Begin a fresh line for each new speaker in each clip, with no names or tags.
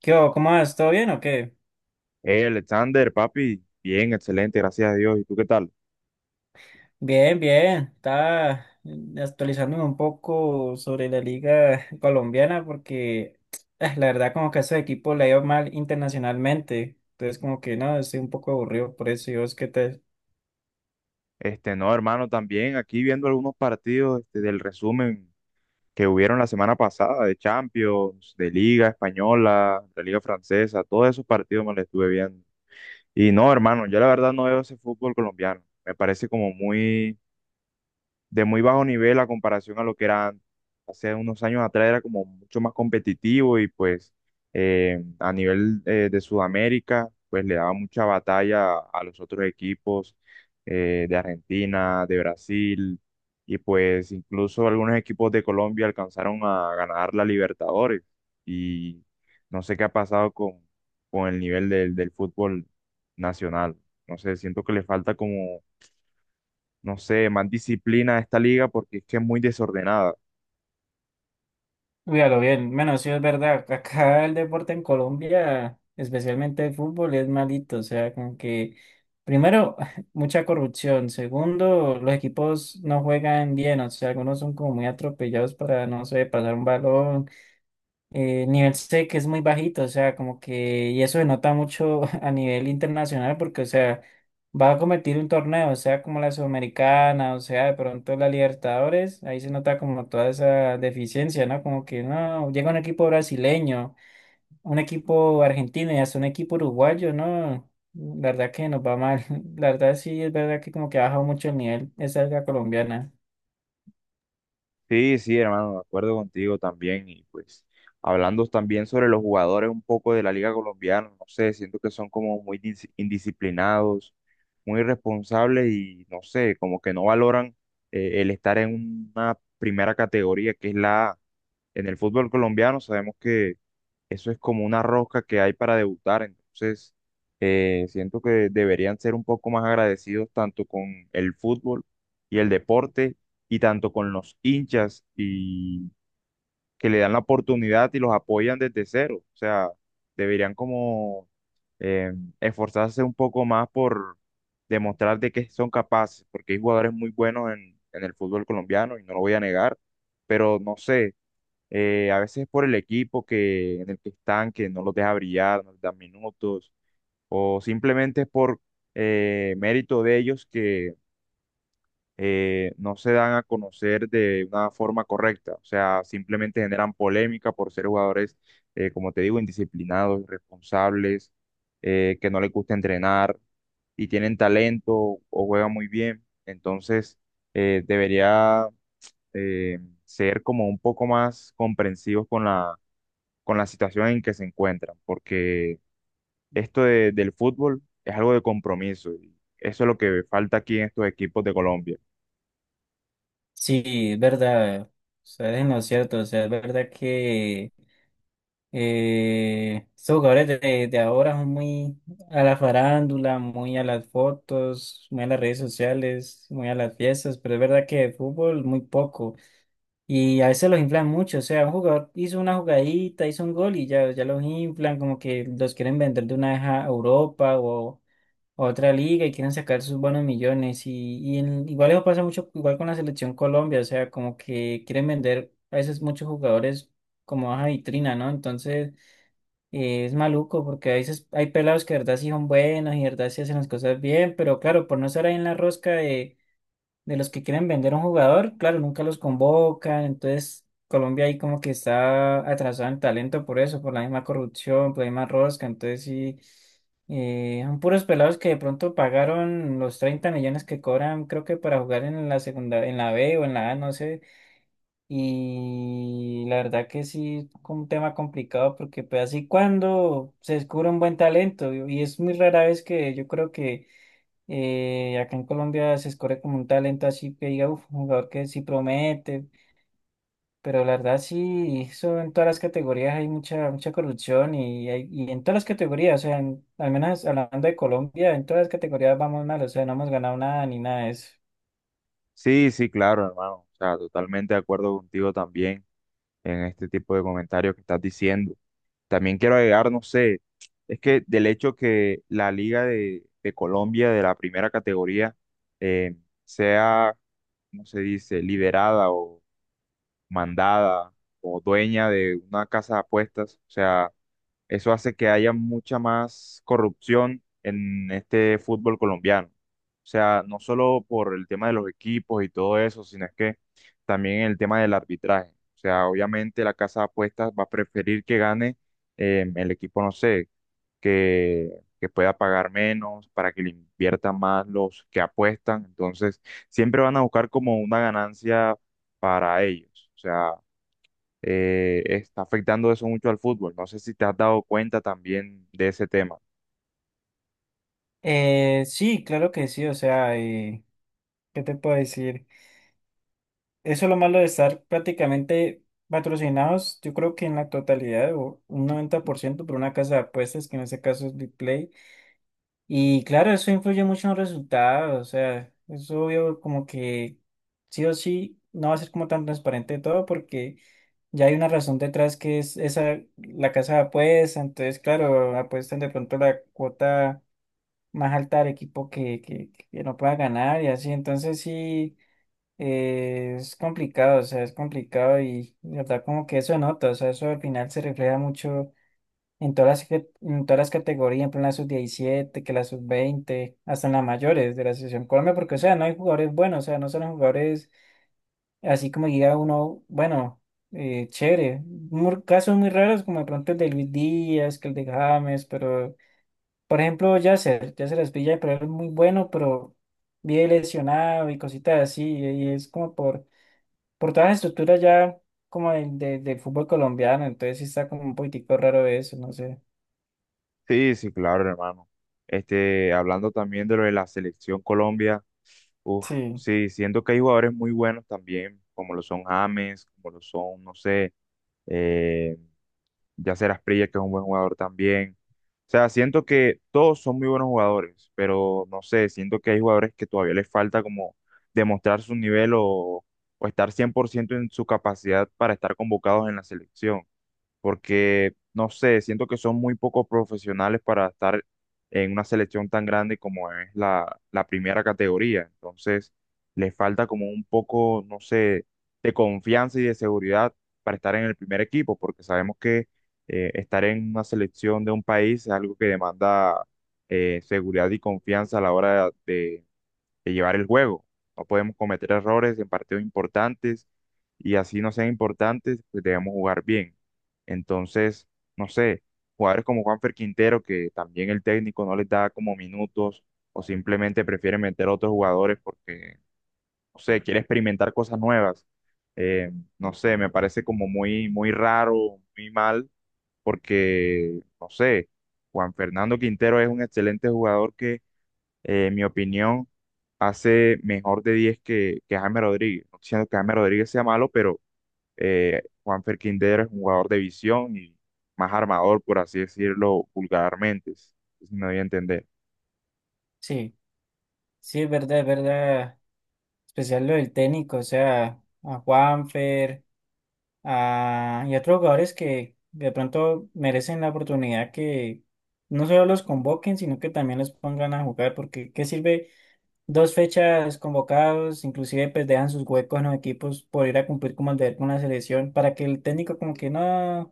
¿Qué hubo? ¿Cómo vas? ¿Todo bien o qué?
Hey, Alexander, papi, bien, excelente, gracias a Dios. ¿Y tú qué tal?
Bien, bien. Estaba actualizándome un poco sobre la liga colombiana porque ah, la verdad como que a ese equipo le ha ido mal internacionalmente. Entonces como que no, estoy un poco aburrido por eso. ¿Y vos qué tal?
No, hermano, también aquí viendo algunos partidos del resumen que hubieron la semana pasada de Champions, de Liga Española, de Liga Francesa, todos esos partidos me los estuve viendo. Y no, hermano, yo la verdad no veo ese fútbol colombiano. Me parece como muy de muy bajo nivel a comparación a lo que era antes. Hace unos años atrás, era como mucho más competitivo y pues a nivel de Sudamérica, pues le daba mucha batalla a los otros equipos de Argentina, de Brasil y pues incluso algunos equipos de Colombia alcanzaron a ganar la Libertadores y no sé qué ha pasado con el nivel del fútbol nacional. No sé, siento que le falta como no sé, más disciplina a esta liga porque es que es muy desordenada.
Cuídalo bien. Bueno, sí es verdad. Acá el deporte en Colombia, especialmente el fútbol, es malito. O sea, como que, primero, mucha corrupción. Segundo, los equipos no juegan bien. O sea, algunos son como muy atropellados para, no sé, pasar un balón nivel C que es muy bajito, o sea, como que, y eso se nota mucho a nivel internacional porque, o sea, va a competir un torneo, o sea, como la Sudamericana, o sea, de pronto la Libertadores, ahí se nota como toda esa deficiencia, ¿no? Como que, no, llega un equipo brasileño, un equipo argentino y hasta un equipo uruguayo, ¿no? La verdad que nos va mal, la verdad sí, es verdad que como que ha bajado mucho el nivel esa liga colombiana.
Sí, sí, hermano, de acuerdo contigo también. Y pues, hablando también sobre los jugadores un poco de la liga colombiana, no sé, siento que son como muy indisciplinados, muy irresponsables y no sé, como que no valoran el estar en una primera categoría que es la A. En el fútbol colombiano sabemos que eso es como una rosca que hay para debutar, entonces siento que deberían ser un poco más agradecidos tanto con el fútbol y el deporte y tanto con los hinchas y que le dan la oportunidad y los apoyan desde cero. O sea, deberían como eh, esforzarse un poco más por demostrar de qué son capaces, porque hay jugadores muy buenos en el fútbol colombiano y no lo voy a negar, pero no sé a veces por el equipo que, en el que están, que no los deja brillar, no les dan minutos, o simplemente es por mérito de ellos que no se dan a conocer de una forma correcta. O sea, simplemente generan polémica por ser jugadores, como te digo, indisciplinados, irresponsables, que no les gusta entrenar y tienen talento o juegan muy bien. Entonces, debería eh, ser como un poco más comprensivos con la situación en que se encuentran, porque del fútbol es algo de compromiso y eso es lo que falta aquí en estos equipos de Colombia.
Sí, es verdad, o sea, es en lo cierto, o sea, es verdad que estos jugadores de ahora son muy a la farándula, muy a las fotos, muy a las redes sociales, muy a las fiestas, pero es verdad que de fútbol muy poco. Y a veces los inflan mucho, o sea, un jugador hizo una jugadita, hizo un gol y ya, ya los inflan, como que los quieren vender de una vez a Europa o a otra liga y quieren sacar sus buenos millones. Igual eso pasa mucho, igual con la selección Colombia, o sea, como que quieren vender a veces muchos jugadores como baja vitrina, ¿no? Entonces... Y es maluco porque a veces hay pelados que de verdad sí son buenos y de verdad sí hacen las cosas bien, pero claro, por no estar ahí en la rosca de los que quieren vender a un jugador, claro, nunca los convocan. Entonces, Colombia ahí como que está atrasado en talento por eso, por la misma corrupción, por la misma rosca. Entonces, sí, son puros pelados que de pronto pagaron los 30 millones que cobran, creo que para jugar en la segunda, en la B o en la A, no sé. Y la verdad que sí, es un tema complicado porque pues así cuando se descubre un buen talento y es muy rara vez que yo creo que acá en Colombia se escoge como un talento así que diga, "Uf, un jugador que sí promete, pero la verdad sí, eso en todas las categorías hay mucha, mucha corrupción y en todas las categorías, o sea, al menos hablando de Colombia, en todas las categorías vamos mal, o sea, no hemos ganado nada ni nada de eso.
Sí, sí, claro, hermano, o sea, totalmente de acuerdo contigo también en este tipo de comentarios que estás diciendo. También quiero agregar, no sé, es que del hecho que la Liga de Colombia de la primera categoría eh, sea, ¿cómo se dice? Liderada o mandada o dueña de una casa de apuestas, o sea, eso hace que haya mucha más corrupción en este fútbol colombiano. O sea, no solo por el tema de los equipos y todo eso, sino es que también el tema del arbitraje. O sea, obviamente la casa de apuestas va a preferir que gane el equipo, no sé, que, que pueda pagar menos, para que le inviertan más los que apuestan. Entonces, siempre van a buscar como una ganancia para ellos. O sea, está afectando eso mucho al fútbol. No sé si te has dado cuenta también de ese tema.
Sí, claro que sí, o sea, ¿qué te puedo decir? Eso es lo malo de estar prácticamente patrocinados, yo creo que en la totalidad o un 90% por una casa de apuestas, que en este caso es BitPlay. Y claro, eso influye mucho en los resultados, o sea, es obvio como que sí o sí no va a ser como tan transparente todo porque ya hay una razón detrás que es esa, la casa de apuestas, entonces claro, apuestan de pronto la cuota más alta al equipo que no pueda ganar y así, entonces sí. Es complicado, o sea, es complicado y la verdad como que eso nota, o sea, eso al final se refleja mucho en todas en todas las categorías, por ejemplo, en plan la sub-17 que la sub-20 hasta en las mayores de la selección Colombia, porque o sea, no hay jugadores buenos, o sea, no son los jugadores así como diga uno, bueno, chévere, casos muy raros como de pronto el de Luis Díaz, que el de James, pero por ejemplo Yasser Aspilla, pero es muy bueno, pero vive lesionado y cositas así, y es como por toda la estructura ya como del fútbol colombiano, entonces sí está como un poquitico raro eso, no sé.
Sí, sí, claro, hermano. Hablando también de lo de la selección Colombia, uf,
Sí,
sí, siento que hay jugadores muy buenos también, como lo son James, como lo son, no sé, eh, Yacer Asprilla, que es un buen jugador también. O sea, siento que todos son muy buenos jugadores, pero no sé, siento que hay jugadores que todavía les falta como demostrar su nivel o estar 100% en su capacidad para estar convocados en la selección porque no sé, siento que son muy pocos profesionales para estar en una selección tan grande como es la primera categoría. Entonces, les falta como un poco, no sé, de confianza y de seguridad para estar en el primer equipo, porque sabemos que estar en una selección de un país es algo que demanda seguridad y confianza a la hora de llevar el juego. No podemos cometer errores en partidos importantes y así no sean importantes, pues debemos jugar bien. Entonces, no sé, jugadores como Juanfer Quintero, que también el técnico no les da como minutos o simplemente prefiere meter a otros jugadores porque, no sé, quiere experimentar cosas nuevas. Eh, no sé, me parece como muy, muy raro, muy mal, porque, no sé, Juan Fernando Quintero es un excelente jugador que en mi opinión, hace mejor de 10 que Jaime Rodríguez. No estoy diciendo que Jaime Rodríguez sea malo, pero Juanfer Quintero es un jugador de visión y más armador, por así decirlo, vulgarmente, si me doy a entender.
sí, sí, es verdad, es verdad. Especial lo del técnico, o sea, a Juanfer, y a otros jugadores que de pronto merecen la oportunidad que no solo los convoquen, sino que también los pongan a jugar, porque ¿qué sirve dos fechas convocados? Inclusive pues dejan sus huecos en los equipos por ir a cumplir como el deber con la selección, para que el técnico como que no.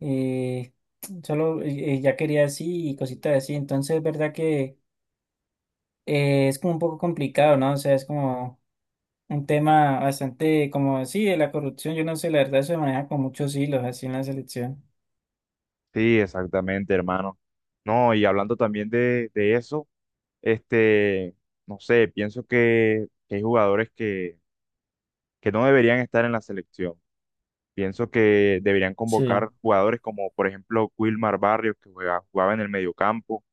eh, solo ya quería así y cositas así. Entonces es verdad que es como un poco complicado, ¿no? O sea, es como un tema bastante como, sí, de la corrupción, yo no sé, la verdad se maneja con muchos hilos así en la selección.
Sí, exactamente, hermano. No, y hablando también de eso, este, no sé, pienso que hay jugadores que no deberían estar en la selección. Pienso que deberían
Sí,
convocar jugadores como, por ejemplo, Wilmar Barrios, que jugaba en el mediocampo,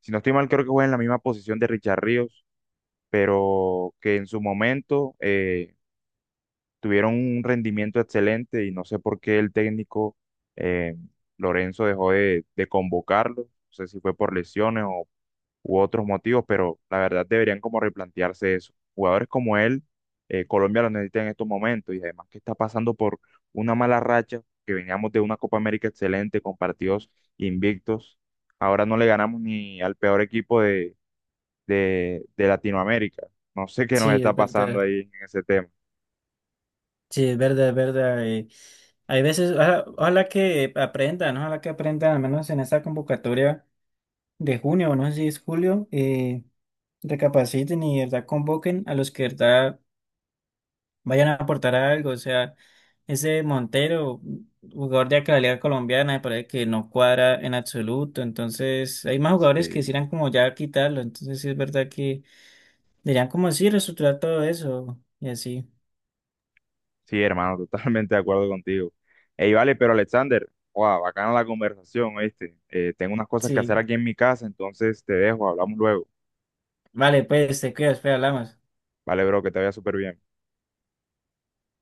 si no estoy mal, creo que juega en la misma posición de Richard Ríos, pero que en su momento tuvieron un rendimiento excelente y no sé por qué el técnico eh, Lorenzo dejó de convocarlo. No sé si fue por lesiones o u otros motivos, pero la verdad deberían como replantearse eso. Jugadores como él, Colombia lo necesita en estos momentos y además que está pasando por una mala racha, que veníamos de una Copa América excelente con partidos invictos. Ahora no le ganamos ni al peor equipo de Latinoamérica. No sé qué nos
sí,
está
es
pasando
verdad.
ahí en ese tema.
Sí, es verdad, es verdad. Hay veces, ojalá, ojalá que aprendan, ¿no? Ojalá que aprendan, al menos en esta convocatoria de junio, o no sé si es julio, recapaciten y de verdad convoquen a los que de verdad vayan a aportar algo. O sea, ese Montero, jugador de acá de la liga colombiana, me parece que no cuadra en absoluto. Entonces, hay más jugadores que
Sí,
quisieran como ya quitarlo. Entonces, sí es verdad que deberían como sí reestructurar todo eso y así.
sí, hermano, totalmente de acuerdo contigo. Ey, vale, pero Alexander, wow, bacana la conversación, ¿oíste? Tengo unas cosas que hacer
Sí,
aquí en mi casa, entonces te dejo, hablamos luego.
vale, pues te cuidas, espera, hablamos.
Vale, bro, que te vaya súper bien.